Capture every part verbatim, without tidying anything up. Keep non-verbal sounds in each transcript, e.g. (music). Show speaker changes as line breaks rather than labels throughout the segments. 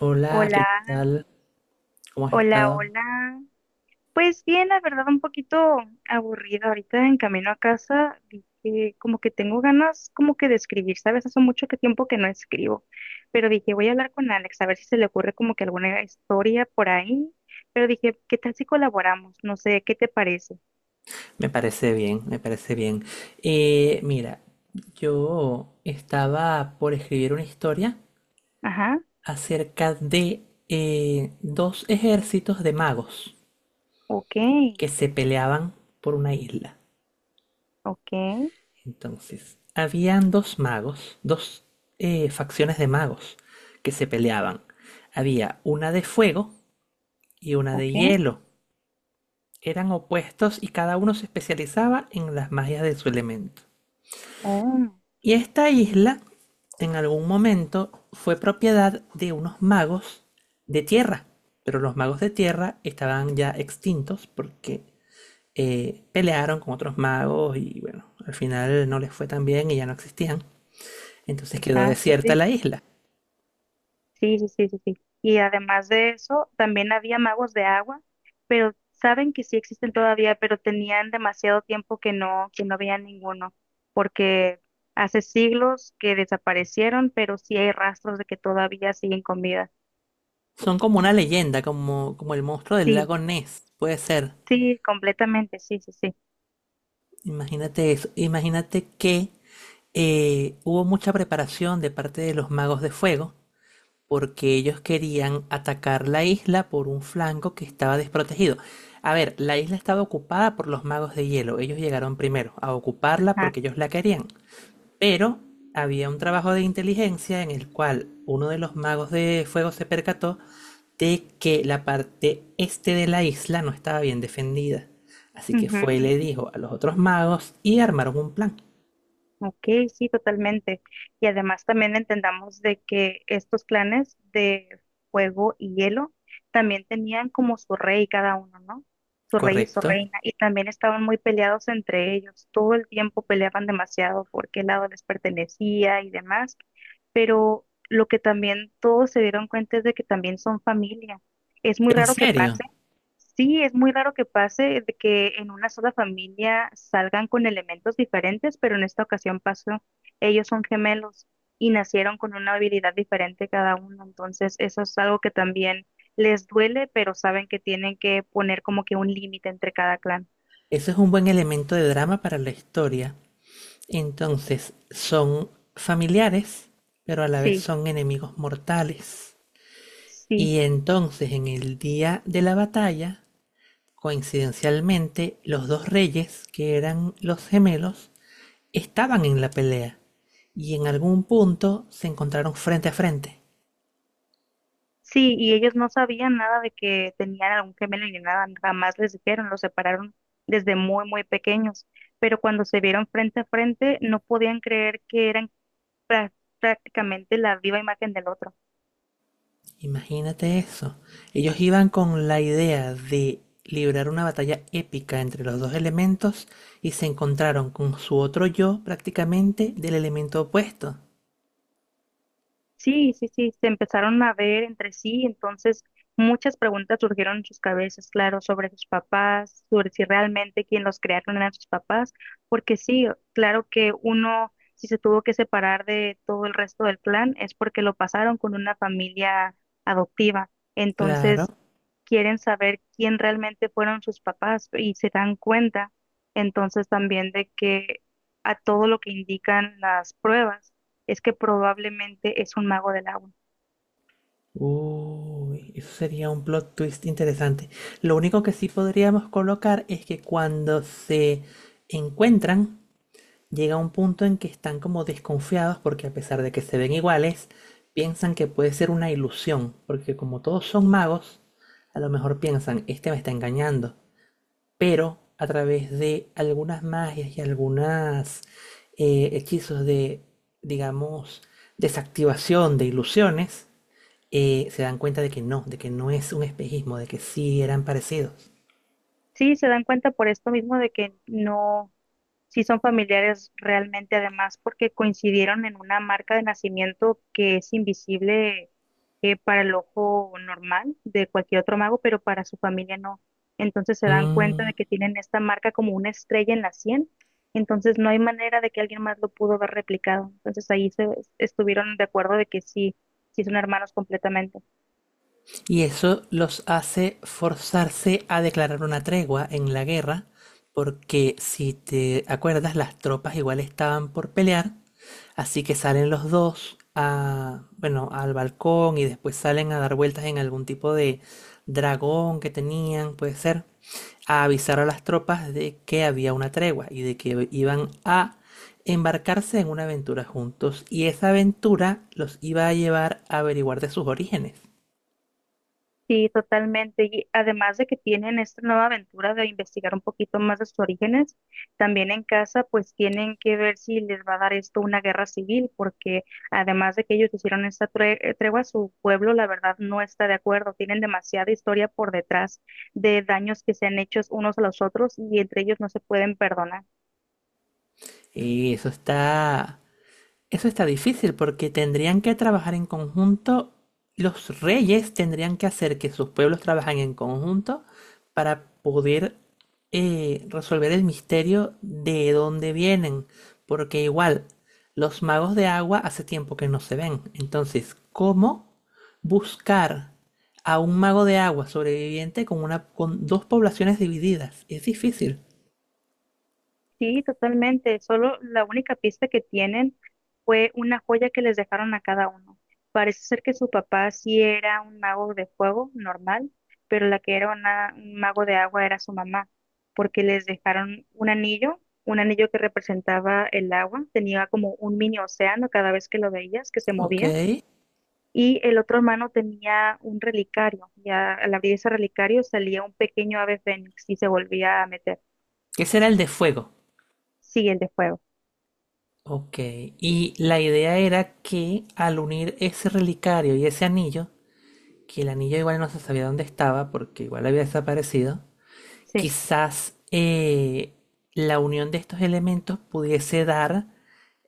Hola, ¿qué
Hola,
tal? ¿Cómo has
hola,
estado?
hola. Pues bien, la verdad, un poquito aburrida. Ahorita en camino a casa vi que como que tengo ganas como que de escribir, ¿sabes? Hace mucho que tiempo que no escribo, pero dije, voy a hablar con Alex a ver si se le ocurre como que alguna historia por ahí. Pero dije, ¿qué tal si colaboramos? No sé, ¿qué te parece?
Me parece bien, me parece bien. Eh, mira, yo estaba por escribir una historia
Ajá,
acerca de eh, dos ejércitos de magos
ok,
que se peleaban por una isla.
ok,
Entonces, habían dos magos, dos eh, facciones de magos que se peleaban. Había una de fuego y una de
ok.
hielo. Eran opuestos y cada uno se especializaba en las magias de su elemento.
Oh,
Y esta isla, en algún momento, fue propiedad de unos magos de tierra. Pero los magos de tierra estaban ya extintos porque eh, pelearon con otros magos y bueno, al final no les fue tan bien y ya no existían. Entonces quedó
ajá, sí,
desierta
sí.
la isla.
Sí, sí, sí, sí, sí. Y además de eso, también había magos de agua, pero saben que sí existen todavía, pero tenían demasiado tiempo que no, que no veían ninguno, porque hace siglos que desaparecieron, pero sí hay rastros de que todavía siguen con vida.
Son como una leyenda, como, como el monstruo del
Sí,
lago Ness. Puede ser.
sí, completamente, sí, sí, sí.
Imagínate eso. Imagínate que eh, hubo mucha preparación de parte de los magos de fuego porque ellos querían atacar la isla por un flanco que estaba desprotegido. A ver, la isla estaba ocupada por los magos de hielo. Ellos llegaron primero a ocuparla
Ajá.
porque ellos la querían. Pero había un trabajo de inteligencia en el cual uno de los magos de fuego se percató de que la parte este de la isla no estaba bien defendida. Así que fue y
Ujú.
le dijo a los otros magos y armaron un plan.
Ok, sí, totalmente. Y además también entendamos de que estos clanes de fuego y hielo también tenían como su rey cada uno, ¿no? Su rey y su
¿Correcto?
reina. Y también estaban muy peleados entre ellos. Todo el tiempo peleaban demasiado por qué lado les pertenecía y demás. Pero lo que también todos se dieron cuenta es de que también son familia. Es muy
¿En
raro que
serio?
pase. Sí, es muy raro que pase de que en una sola familia salgan con elementos diferentes, pero en esta ocasión pasó. Ellos son gemelos y nacieron con una habilidad diferente cada uno, entonces eso es algo que también les duele, pero saben que tienen que poner como que un límite entre cada clan.
Eso es un buen elemento de drama para la historia. Entonces son familiares, pero a la vez
Sí,
son enemigos mortales.
sí,
Y entonces en el día de la batalla, coincidencialmente, los dos reyes, que eran los gemelos, estaban en la pelea. Y en algún punto se encontraron frente a frente.
sí, y ellos no sabían nada de que tenían algún gemelo ni nada, jamás les dijeron, los separaron desde muy, muy pequeños, pero cuando se vieron frente a frente no podían creer que eran prá- prácticamente la viva imagen del otro.
Imagínate eso. Ellos iban con la idea de librar una batalla épica entre los dos elementos y se encontraron con su otro yo prácticamente del elemento opuesto.
Sí, sí, sí, se empezaron a ver entre sí, entonces muchas preguntas surgieron en sus cabezas, claro, sobre sus papás, sobre si realmente quien los crearon eran sus papás, porque sí, claro que uno, si se tuvo que separar de todo el resto del clan, es porque lo pasaron con una familia adoptiva.
Claro.
Entonces, quieren saber quién realmente fueron sus papás y se dan cuenta entonces también de que a todo lo que indican las pruebas es que probablemente es un mago del agua.
Uy, eso sería un plot twist interesante. Lo único que sí podríamos colocar es que cuando se encuentran, llega un punto en que están como desconfiados porque a pesar de que se ven iguales, piensan que puede ser una ilusión, porque como todos son magos, a lo mejor piensan, este me está engañando, pero a través de algunas magias y algunas eh, hechizos de, digamos, desactivación de ilusiones, eh, se dan cuenta de que no, de que no es un espejismo, de que sí eran parecidos.
Sí, se dan cuenta por esto mismo de que no. Sí son familiares realmente, además, porque coincidieron en una marca de nacimiento que es invisible eh, para el ojo normal de cualquier otro mago, pero para su familia no. Entonces se dan cuenta
Mm.
de que tienen esta marca como una estrella en la sien, entonces no hay manera de que alguien más lo pudo haber replicado. Entonces ahí se estuvieron de acuerdo de que sí, sí son hermanos completamente.
Y eso los hace forzarse a declarar una tregua en la guerra, porque si te acuerdas, las tropas igual estaban por pelear, así que salen los dos a, bueno, al balcón y después salen a dar vueltas en algún tipo de dragón que tenían, puede ser, a avisar a las tropas de que había una tregua y de que iban a embarcarse en una aventura juntos y esa aventura los iba a llevar a averiguar de sus orígenes.
Sí, totalmente. Y además de que tienen esta nueva aventura de investigar un poquito más de sus orígenes, también en casa pues tienen que ver si les va a dar esto una guerra civil, porque además de que ellos hicieron esta tre- eh, tregua, su pueblo la verdad no está de acuerdo. Tienen demasiada historia por detrás de daños que se han hecho unos a los otros y entre ellos no se pueden perdonar.
Y eso está, eso está difícil porque tendrían que trabajar en conjunto, los reyes tendrían que hacer que sus pueblos trabajen en conjunto para poder eh, resolver el misterio de dónde vienen, porque igual los magos de agua hace tiempo que no se ven. Entonces, ¿cómo buscar a un mago de agua sobreviviente con una, con dos poblaciones divididas? Es difícil.
Sí, totalmente. Solo la única pista que tienen fue una joya que les dejaron a cada uno. Parece ser que su papá sí era un mago de fuego normal, pero la que era una- un mago de agua era su mamá, porque les dejaron un anillo, un anillo que representaba el agua, tenía como un mini océano cada vez que lo veías, que se
Ok.
movía, y el otro hermano tenía un relicario, y a- al abrir ese relicario salía un pequeño ave fénix y se volvía a meter.
¿Qué será el de fuego?
Sí, el de fuego.
Ok, y la idea era que al unir ese relicario y ese anillo, que el anillo igual no se sabía dónde estaba porque igual había desaparecido,
Sí.
quizás eh, la unión de estos elementos pudiese dar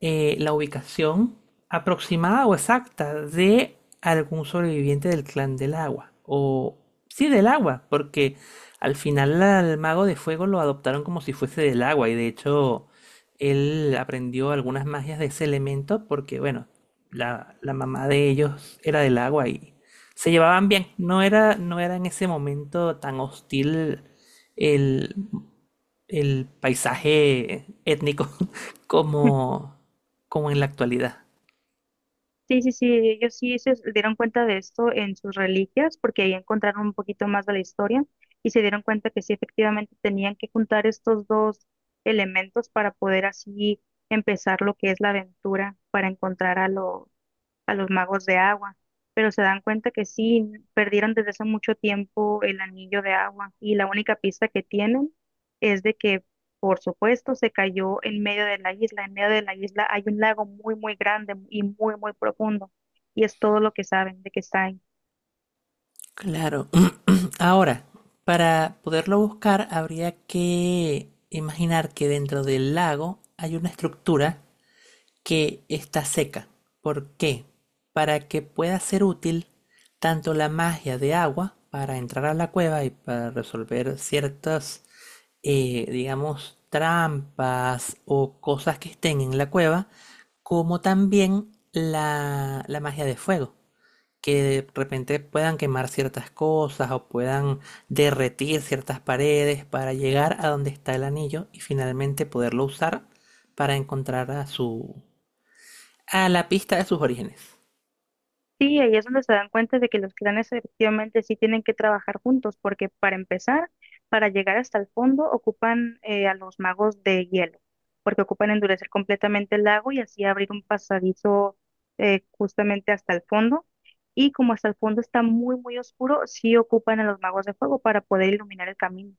eh, la ubicación aproximada o exacta de algún sobreviviente del clan del agua. O sí, del agua, porque al final al mago de fuego lo adoptaron como si fuese del agua y de hecho él aprendió algunas magias de ese elemento porque, bueno, la, la mamá de ellos era del agua y se llevaban bien. No era, no era en ese momento tan hostil el el paisaje étnico (laughs) como, como en la actualidad.
Sí, sí, sí, ellos sí se dieron cuenta de esto en sus reliquias, porque ahí encontraron un poquito más de la historia y se dieron cuenta que sí, efectivamente, tenían que juntar estos dos elementos para poder así empezar lo que es la aventura, para encontrar a los, a los magos de agua, pero se dan cuenta que sí, perdieron desde hace mucho tiempo el anillo de agua y la única pista que tienen es de que, por supuesto, se cayó en medio de la isla. En medio de la isla hay un lago muy, muy grande y muy, muy profundo y es todo lo que saben de que está ahí.
Claro. (clears throat) Ahora, para poderlo buscar, habría que imaginar que dentro del lago hay una estructura que está seca. ¿Por qué? Para que pueda ser útil tanto la magia de agua para entrar a la cueva y para resolver ciertas, eh, digamos, trampas o cosas que estén en la cueva, como también la, la magia de fuego, que de repente puedan quemar ciertas cosas o puedan derretir ciertas paredes para llegar a donde está el anillo y finalmente poderlo usar para encontrar a su a la pista de sus orígenes.
Sí, ahí es donde se dan cuenta de que los clanes efectivamente sí tienen que trabajar juntos, porque para empezar, para llegar hasta el fondo, ocupan eh, a los magos de hielo, porque ocupan endurecer completamente el lago y así abrir un pasadizo eh, justamente hasta el fondo. Y como hasta el fondo está muy, muy oscuro, sí ocupan a los magos de fuego para poder iluminar el camino.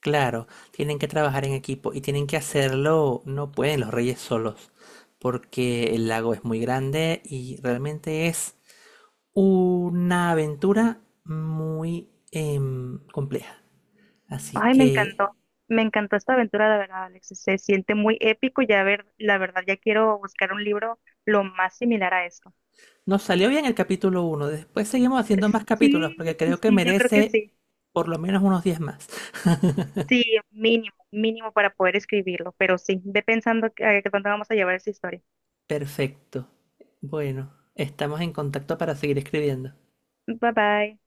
Claro, tienen que trabajar en equipo y tienen que hacerlo, no pueden los reyes solos, porque el lago es muy grande y realmente es una aventura muy em, compleja. Así
Ay, me
que
encantó, me encantó esta aventura, la verdad, Alex. Se siente muy épico. Ya ver, la verdad, ya quiero buscar un libro lo más similar a este.
nos salió bien el capítulo uno. Después seguimos haciendo más capítulos porque
Sí, sí,
creo que
sí, yo creo que
merece
sí.
por lo menos unos diez más. (laughs)
Sí, mínimo, mínimo para poder escribirlo, pero sí, ve pensando que, a dónde vamos a llevar esa historia.
Perfecto. Bueno, estamos en contacto para seguir escribiendo.
Bye bye.